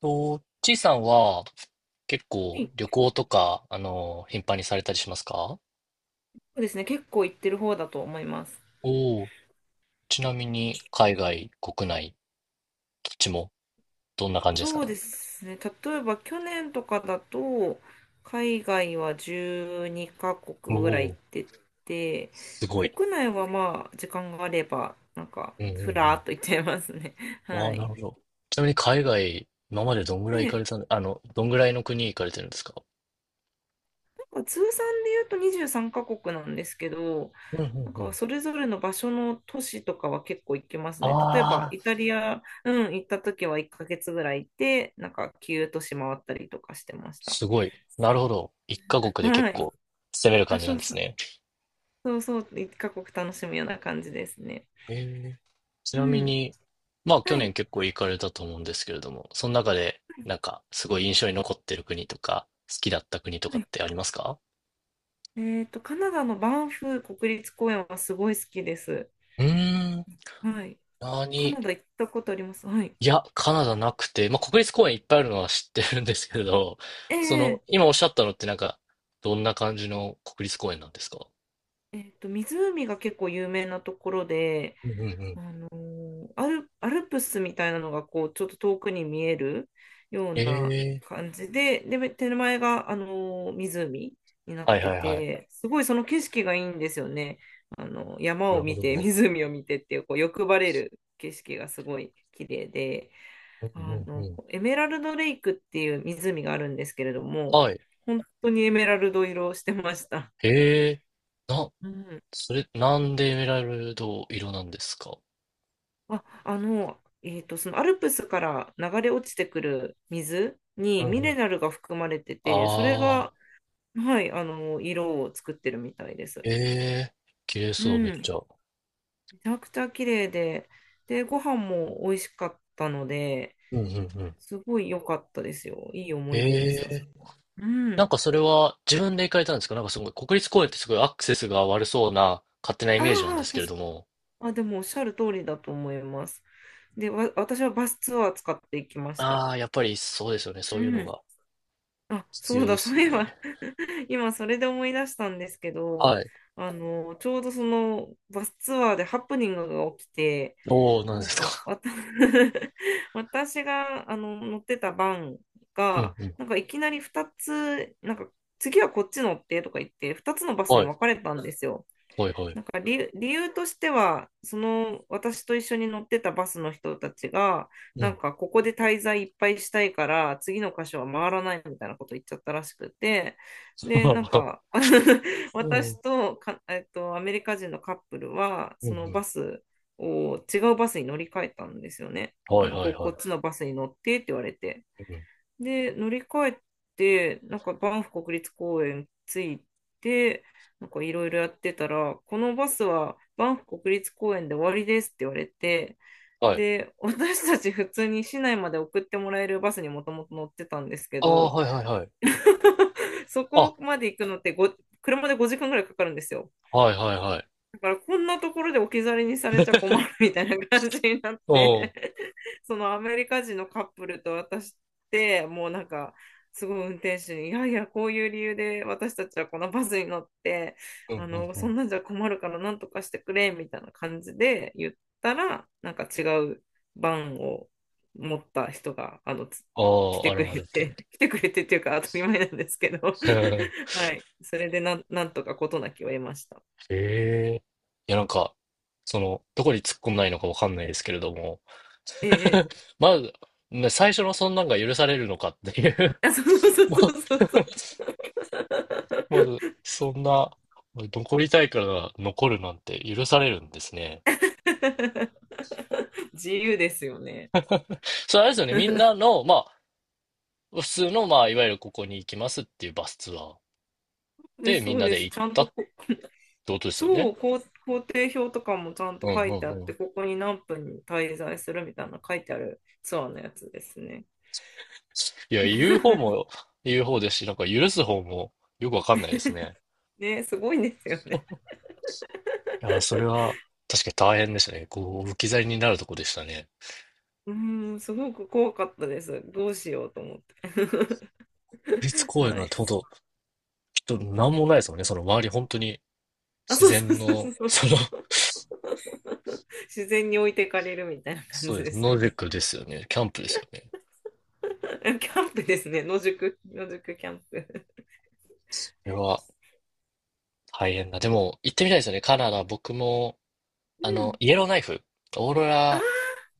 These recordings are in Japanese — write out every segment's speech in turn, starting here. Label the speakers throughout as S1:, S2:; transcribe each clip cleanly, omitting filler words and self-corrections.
S1: と、ちいさんは結構旅
S2: い
S1: 行とか、頻繁にされたりしますか？
S2: そうですね。結構行ってる方だと思います。
S1: おおー、ちなみに海外、国内、どっちもどんな感じですか
S2: そう
S1: ね？
S2: ですね。例えば去年とかだと、海外は12カ国
S1: お
S2: ぐらい
S1: お
S2: 行
S1: ー、
S2: ってて、
S1: すごい。
S2: 国内はまあ、時間があれば、なんか、
S1: うんう
S2: ふ
S1: んう
S2: らー
S1: ん。
S2: っと行っちゃいますね。
S1: わ
S2: は
S1: あ、な
S2: い。
S1: るほど。ちなみに海外、今までどんぐらい行か
S2: で、
S1: れたのどんぐらいの国行かれてるんですか？
S2: まあ通算で言うと23カ国なんですけど、
S1: うんう
S2: な
S1: ん
S2: ん
S1: う
S2: か
S1: ん。
S2: それぞれの場所の都市とかは結構行きますね。例えば
S1: あ
S2: イ
S1: あ、
S2: タリア、うん、行った時は1ヶ月ぐらい行って、なんか9都市回ったりとかしてました。
S1: すごい。なるほど。一カ国で結
S2: はい。
S1: 構攻める
S2: あ、
S1: 感じな
S2: そ
S1: ん
S2: う
S1: です
S2: そう、
S1: ね。
S2: そうそう、1カ国楽しむような感じですね。
S1: ええ、ち
S2: う
S1: なみ
S2: ん。
S1: に、まあ去
S2: は
S1: 年
S2: い。
S1: 結構行かれたと思うんですけれども、その中でなんかすごい印象に残ってる国とか、好きだった国とか
S2: は
S1: っ
S2: い。
S1: てありますか？
S2: カナダのバンフ国立公園はすごい好きです。
S1: うーん、
S2: はい。カ
S1: 何？
S2: ナダ行ったことあります。はい。
S1: いや、カナダなくて、まあ国立公園いっぱいあるのは知ってるんですけど、そ
S2: え
S1: の、
S2: え
S1: 今おっしゃったのってなんか、どんな感じの国立公園なんですか？
S2: 湖が結構有名なところで、
S1: うんうんうん。
S2: アルプスみたいなのがこうちょっと遠くに見えるよう
S1: え
S2: な
S1: え。
S2: 感じで、で、手前が、湖になっ
S1: はい
S2: て
S1: はいはい。
S2: て、すごいその景色がいいんですよね。あの山
S1: なる
S2: を
S1: ほ
S2: 見て、
S1: ど。
S2: 湖を見てっていう、こう欲張れる景色がすごい綺麗で、
S1: うんうんうん。
S2: エメラルドレイクっていう湖があるんですけれども、
S1: はい。
S2: 本当にエメラルド色をしてました。
S1: ええ、な、
S2: うん
S1: それ、なんでエメラルド色なんですか？
S2: あ、あの、えっと、そのアルプスから流れ落ちてくる水
S1: う
S2: に
S1: ん
S2: ミ
S1: う
S2: ネ
S1: ん。
S2: ラルが含まれてて、それ
S1: ああ、
S2: が、はい、色を作ってるみたいです。
S1: ええ、綺麗
S2: う
S1: そう、
S2: ん、
S1: めっち
S2: め
S1: ゃ。
S2: ちゃくちゃ綺麗で、で、ご飯も美味しかったので、
S1: うんうんうん。
S2: すごい良かったですよ。いい思い出で
S1: え
S2: すよ、そ
S1: え、
S2: こは。う
S1: なん
S2: ん。
S1: かそれは自分で行かれたんですか？なんかすごい、国立公園ってすごいアクセスが悪そうな勝手なイ
S2: あ
S1: メージなんで
S2: あ、
S1: すけれども。
S2: あ、でもおっしゃる通りだと思います。で、私はバスツアー使っていきました。
S1: ああ、やっぱりそうですよね。
S2: う
S1: そういうの
S2: ん。
S1: が
S2: あ、
S1: 必
S2: そう
S1: 要で
S2: だ、そ
S1: す
S2: う
S1: よ
S2: いえ
S1: ね。
S2: ば 今それで思い出したんですけ
S1: は
S2: ど、
S1: い。
S2: ちょうどそのバスツアーでハプニングが起きて、
S1: おお、なんで
S2: なん
S1: す
S2: か、
S1: か。
S2: 私が乗ってたバン
S1: うん
S2: が、
S1: うん。
S2: なんかいきなり2つ、なんか次はこっち乗ってとか言って、2つのバスに
S1: はい。
S2: 分かれたんですよ。
S1: はいはい。
S2: なんか理由としては、その私と一緒に乗ってたバスの人たちが、
S1: う
S2: な
S1: ん。
S2: んかここで滞在いっぱいしたいから、次の箇所は回らないみたいなこと言っちゃったらしくて、で、なん か
S1: う
S2: 私
S1: ん
S2: とか、アメリカ人のカップルは、
S1: う
S2: そ
S1: ん。
S2: のバスを違うバスに乗り換えたんですよね。
S1: はいは
S2: こ
S1: いは
S2: こ
S1: い。
S2: っちのバスに乗ってって言われて。
S1: うん。
S2: で、乗り換えて、なんかバンフ国立公園着いて、なんかいろいろやってたら、このバスはバンフ国立公園で終わりですって言われて、
S1: はい。
S2: で、私たち普通に市内まで送ってもらえるバスにもともと乗ってたんですけ
S1: ああ、
S2: ど、
S1: はいはいはい。
S2: そ
S1: あ、
S2: こまで行くのって車で5時間ぐらいかかるんですよ。
S1: はいはいはい。
S2: だからこんなところで置き去りにされちゃ困るみたいな感じになっ
S1: おお。
S2: て そのアメリカ人のカップルと私ってもうなんかすごい運転手に「いやいやこういう理由で私たちはこのバスに乗って
S1: うんうんう
S2: そ
S1: ん。
S2: んなんじゃ困るからなんとかしてくれ」みたいな感じで言ったらなんか違うバンを持った人があのつ
S1: あ
S2: 来
S1: あ、
S2: てくれ
S1: 現れ
S2: て
S1: て。
S2: 来てくれてっていうか当たり前なんですけど
S1: うん、
S2: はい、それでなんとか事なきを得ました。
S1: へえ。いや、なんか、その、どこに突っ込んないのかわかんないですけれども、
S2: ええ
S1: まず、ね、最初のそんなんが許されるのかっていう。
S2: あ、そうそ う
S1: ま、
S2: そうそうそうそう。
S1: まず、そんな、残りたいから残るなんて許されるんですね。
S2: 自由ですよね。
S1: それあれですよね、みん なの、まあ、普通の、まあ、いわゆるここに行きますっていうバスツアー
S2: で、
S1: でみん
S2: そう
S1: な
S2: で
S1: で
S2: す。
S1: 行っ
S2: ちゃん
S1: たっ
S2: とこ、
S1: てことですよ
S2: そ
S1: ね。
S2: う、こう行程表とかもちゃんと
S1: うん
S2: 書
S1: う
S2: いてあ
S1: ん
S2: っ
S1: うん。
S2: て、ここに何分に滞在するみたいな書いてあるツアーのやつですね。
S1: いや、言う方 も言う方ですし、なんか許す方もよくわかんないですね。
S2: ね、すごいんですよね。
S1: いやー、それは確かに大変ですね。こう、置き去りになるとこでしたね。
S2: うーん、すごく怖かったです。どうしようと思って。
S1: 国立 公園
S2: は
S1: なん
S2: い。
S1: て本当、きっと何もないですもんね。その周り本当に
S2: あ、
S1: 自
S2: そうそ
S1: 然
S2: うそう
S1: の、
S2: そう。
S1: その、
S2: 自然に置いてかれるみたいな感
S1: そ
S2: じ
S1: うで
S2: で
S1: す。
S2: すよ
S1: ノルディッ
S2: ね。
S1: クですよね。キャンプですよね。
S2: キャンプですね。野宿、野宿キャンプ。
S1: これは大変だ。でも、行ってみたいですよね。カナダ、僕も、
S2: うん。
S1: イエローナイフ、オーロ
S2: あ
S1: ラ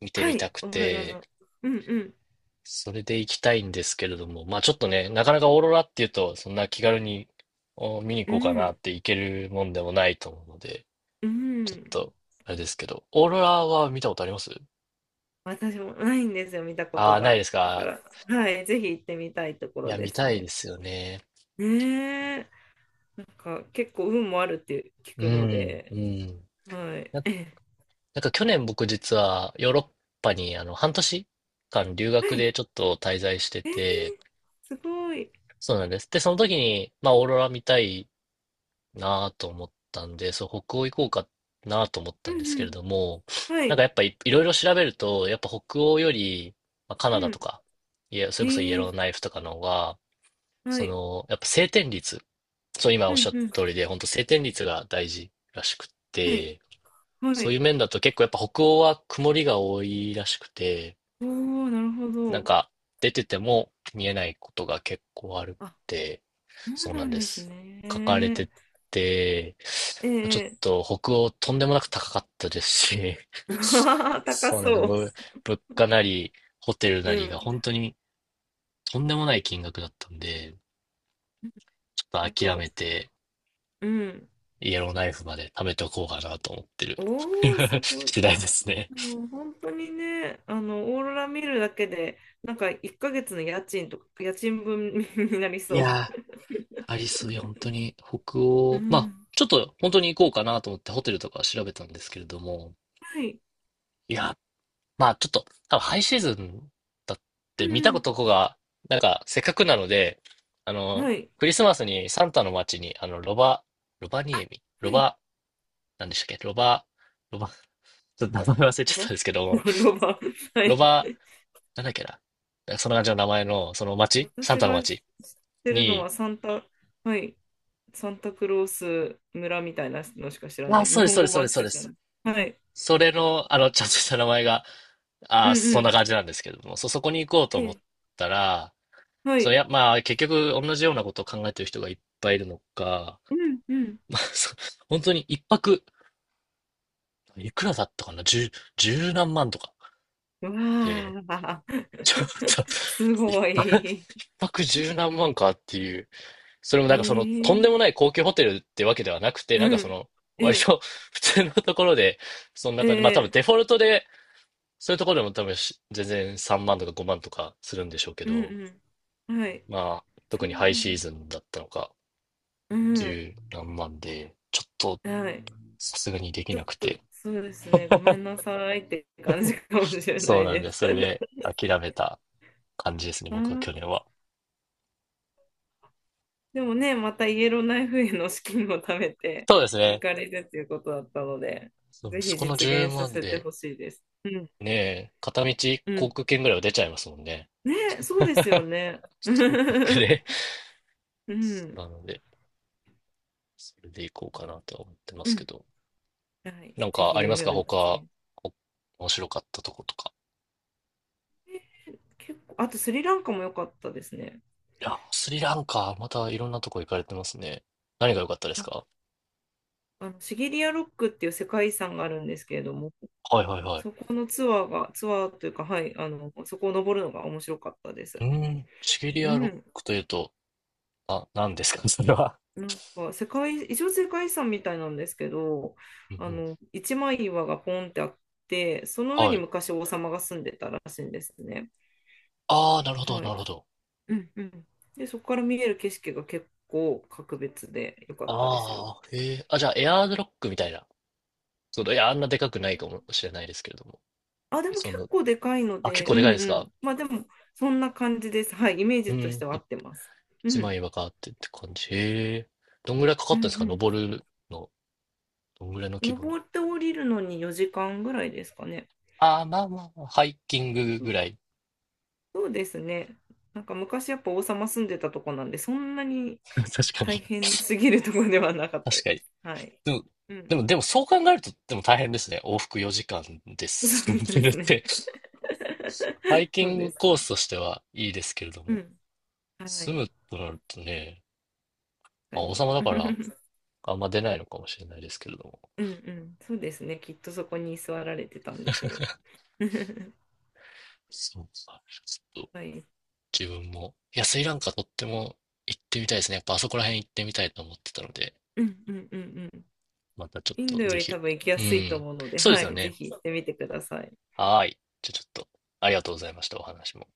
S1: 見
S2: あ、
S1: て
S2: は
S1: み
S2: い。
S1: たく
S2: オーロラ
S1: て、
S2: の。うんうん。
S1: それで行きたいんですけれども、まあちょっとね、なかなかオーロラっていうと、そんな気軽にお見に
S2: う
S1: 行こうかなっ
S2: ん。
S1: て行けるもんでもないと思うので、
S2: う
S1: ちょっ
S2: ん。
S1: と、あれですけど、オーロラは見たことあります
S2: 私もないんですよ、見たこ
S1: あ
S2: と
S1: あー、ない
S2: が。
S1: です
S2: だか
S1: か。
S2: ら、はい。ぜひ行ってみたいとこ
S1: い
S2: ろ
S1: や、
S2: で
S1: 見
S2: す
S1: たいで
S2: ね。
S1: すよね。
S2: ねえ。なんか、結構運もあるって聞
S1: う
S2: くの
S1: ん、う
S2: で。
S1: ん。
S2: はい。
S1: な、
S2: ええ。
S1: なんか去年僕実はヨーロッパに半年間留
S2: は
S1: 学
S2: い。
S1: でちょっと滞在して
S2: ええ、
S1: て、
S2: すごい。
S1: そうなんです。で、その時に、まあ、オーロラ見たいなと思ったんで、そう、北欧行こうかなと思っ
S2: う
S1: たんです
S2: んう
S1: けれ
S2: ん。
S1: ども、
S2: は
S1: なん
S2: い。
S1: かやっぱい、いろいろ調べると、やっぱ北欧より、まあ、カ
S2: う
S1: ナダ
S2: ん。
S1: とか、いや、それこそイエロ
S2: え
S1: ーナ
S2: え。
S1: イフとかの方が、
S2: は
S1: そ
S2: い。
S1: の、やっぱ晴天率。そう、今お
S2: う
S1: っし
S2: ん
S1: ゃっ
S2: うん。
S1: た通りで、本当晴天率が大事らしくっ
S2: はい。
S1: て、
S2: は
S1: そうい
S2: い。
S1: う面だと結構やっぱ北欧は曇りが多いらしくて、
S2: おお、なるほ
S1: なん
S2: ど。
S1: か出てても見えないことが結構あるっ
S2: あ
S1: て、
S2: そう
S1: そうな
S2: な
S1: ん
S2: ん
S1: で
S2: です
S1: す。
S2: ね。
S1: 書かれ
S2: え
S1: てて、ちょっ
S2: え
S1: と北欧とんでもなく高かったですし、
S2: う わー、 高
S1: そうなん
S2: そ
S1: です。
S2: う。
S1: ぶ、物価なり、ホテル
S2: う
S1: なりが
S2: ん。
S1: 本当にとんでもない金額だったんで、ちょっ
S2: なん
S1: と諦
S2: か、
S1: めて、
S2: うん。
S1: イエローナイフまで貯めておこうかなと思ってる
S2: おー、す ごい。
S1: 次第ですね。
S2: もう本当にね、オーロラ見るだけで、なんか1ヶ月の家賃とか、家賃分 になり
S1: い
S2: そう。
S1: やー、アリス、いや、本当に北
S2: う
S1: 欧、まあ、
S2: ん。
S1: ちょっと本当に行こうかなと思ってホテルとか調べたんですけれども、
S2: はい。
S1: いや、まあちょっと、多分ハイシーズンだっ
S2: う
S1: て見たこ
S2: ん。
S1: とが、なんかせっかくなので、あの、
S2: はい。
S1: クリスマスにサンタの街に、ロバ、ロバニエミ、ロ
S2: はい。
S1: バ、なんでしたっけ、ロバ、ロバ、ちょっと名前忘れち
S2: ロ
S1: ゃったん
S2: バ
S1: ですけど、
S2: ロバ。は
S1: ロ
S2: い。
S1: バなんだっけな。なんかそんな感じの名前の、その町、サン
S2: 私
S1: タの
S2: が知っ
S1: 町
S2: てるの
S1: に、
S2: はサンタ、はい、サンタクロース村みたいなのしか知らな
S1: あ、
S2: い。
S1: そ
S2: 日
S1: うです、
S2: 本
S1: そうで
S2: 語
S1: す、そうで
S2: 版
S1: す、
S2: し
S1: そう
S2: か
S1: で
S2: 知らな
S1: す。
S2: い。はい。
S1: それの、ちゃんとした名前が、
S2: うん
S1: あ、
S2: う
S1: そんな
S2: ん、
S1: 感じなんですけれども、そ、そこに行こうと
S2: え
S1: 思っ
S2: え、
S1: たら、
S2: は
S1: そう、い
S2: い。
S1: や、まあ、結局、同じようなことを考えてる人がいっぱいいるのか、
S2: うんうん。
S1: まあ、そ、本当に一泊、いくらだったかな、十、十何万とか
S2: うわ
S1: で、
S2: あ、
S1: ちょっと、
S2: す
S1: 一
S2: ご
S1: 泊、一
S2: い。
S1: 泊十何万かっていう。それも
S2: え
S1: なんかその、とんでも
S2: え、
S1: ない高級ホテルってわけではなくて、なん
S2: う
S1: かそ
S2: ん。
S1: の、
S2: え
S1: 割
S2: え、
S1: と 普通のところで、そんな
S2: え
S1: 感じ。まあ多分
S2: え、
S1: デフォルトで、そういうところでも多分し全然3万とか5万とかするんでしょうけ
S2: うん
S1: ど、
S2: うん。はい。
S1: まあ、
S2: そ
S1: 特
S2: う
S1: にハイ
S2: な
S1: シ
S2: ん
S1: ー
S2: だ。
S1: ズンだったのか、
S2: うん。
S1: 十何万で、ちょっと
S2: はい。
S1: さすがにでき
S2: ちょっ
S1: なく
S2: と、
S1: て。
S2: そうですね。ごめんなさいって感じかもしれな
S1: そう
S2: い
S1: なん
S2: で
S1: で、
S2: す。
S1: そ れで諦めた感じですね、
S2: あ
S1: 僕は去
S2: ー、
S1: 年は。
S2: でもね、またイエローナイフへの資金を貯めて
S1: そうです
S2: 行
S1: ね。
S2: かれるということだったので、
S1: そう
S2: ぜ
S1: そ
S2: ひ
S1: この
S2: 実
S1: 10
S2: 現さ
S1: 万
S2: せて
S1: で、
S2: ほしいです。うん、
S1: ねえ、片道
S2: う
S1: 航
S2: ん。
S1: 空券ぐらいは出ちゃいますもんね。
S2: ね、そうですよね。
S1: 一泊 で。
S2: う ん。
S1: なので。それでいこうかなとは思ってま
S2: う
S1: すけ
S2: ん。
S1: ど。
S2: はい。
S1: なん
S2: ぜ
S1: か
S2: ひ
S1: あります
S2: 夢
S1: か
S2: を実
S1: 他、
S2: 現。
S1: お面白かったとことか。
S2: 結構、あとスリランカも良かったですね。
S1: いやスリランカ、またいろんなとこ行かれてますね。何が良かったですか？
S2: シギリアロックっていう世界遺産があるんですけれども、
S1: はいはいはい。
S2: そこのツアーが、ツアーというか、はい、そこを登るのが面白かったで
S1: う
S2: す。
S1: ーん、シベリ
S2: う
S1: アロッ
S2: ん。
S1: クというと、あ、何ですか それは。
S2: なんか、一応世界遺産みたいなんですけど、
S1: うんうん。
S2: 一枚岩がポンってあって、その上
S1: は
S2: に
S1: い。
S2: 昔王様が住んでたらしいんですね。
S1: ああ、なるほど、
S2: は
S1: な
S2: い。
S1: るほど。
S2: うんうん。で、そこから見える景色が結構格別で良かったですよ。
S1: ああ、へえ。あ、じゃあ、エアーズロックみたいな。その、いや、あんなでかくないかもしれないですけれども。
S2: あ、でも
S1: そ
S2: 結
S1: の、
S2: 構でかいの
S1: あ、結
S2: で、う
S1: 構でか
S2: ん
S1: いです
S2: う
S1: か？
S2: ん。まあでも、そんな感じです。はい、イメー
S1: う
S2: ジとし
S1: ん、
S2: ては合
S1: い、
S2: ってます。う
S1: 一
S2: ん、
S1: 枚岩があってって感じ。へえ。どんぐらいかかっ
S2: う
S1: たんですか、
S2: ん、
S1: 登るの。どんぐらいの
S2: うん。
S1: 規模の。
S2: 登って降りるのに4時間ぐらいですかね。
S1: ああ、まあまあまあ、ハイキング
S2: そ
S1: ぐ
S2: う
S1: らい。
S2: そうですね。なんか昔やっぱ王様住んでたとこなんで、そんなに
S1: 確か
S2: 大
S1: に。
S2: 変すぎるとこではなかった
S1: 確か
S2: で
S1: に。
S2: す。はい。
S1: でも、
S2: う
S1: で
S2: ん。
S1: も、でもそう考えると、でも大変ですね。往復4時間で
S2: そ
S1: す。
S2: う
S1: そ
S2: で
S1: れっ
S2: すね。
S1: て、ハイ キ
S2: そう
S1: ン
S2: で
S1: グ
S2: す
S1: コー
S2: ね。
S1: スとしてはいいですけれど
S2: う
S1: も、
S2: ん。は
S1: 住
S2: い。
S1: むとなるとね、
S2: 確
S1: まあ、
S2: か
S1: 王
S2: に。
S1: 様だから、あんま出ないのかもしれないですけれども。
S2: うんうん。そうですね。きっとそこに座られてたんでしょう。
S1: そうか。ちょっと、
S2: はい。
S1: 自分も。いや、スリランカとっても行ってみたいですね。やっぱあそこら辺行ってみたいと思ってたので、
S2: うんうんうんうん。
S1: またちょっ
S2: イン
S1: と、
S2: ドよ
S1: ぜ
S2: り
S1: ひ。
S2: 多分行きや
S1: う
S2: すいと
S1: ん。
S2: 思うので、
S1: そうで
S2: は
S1: すよ
S2: い、ぜ
S1: ね。
S2: ひ行ってみてください。
S1: はーい。じゃあちょっと、ありがとうございました。お話も。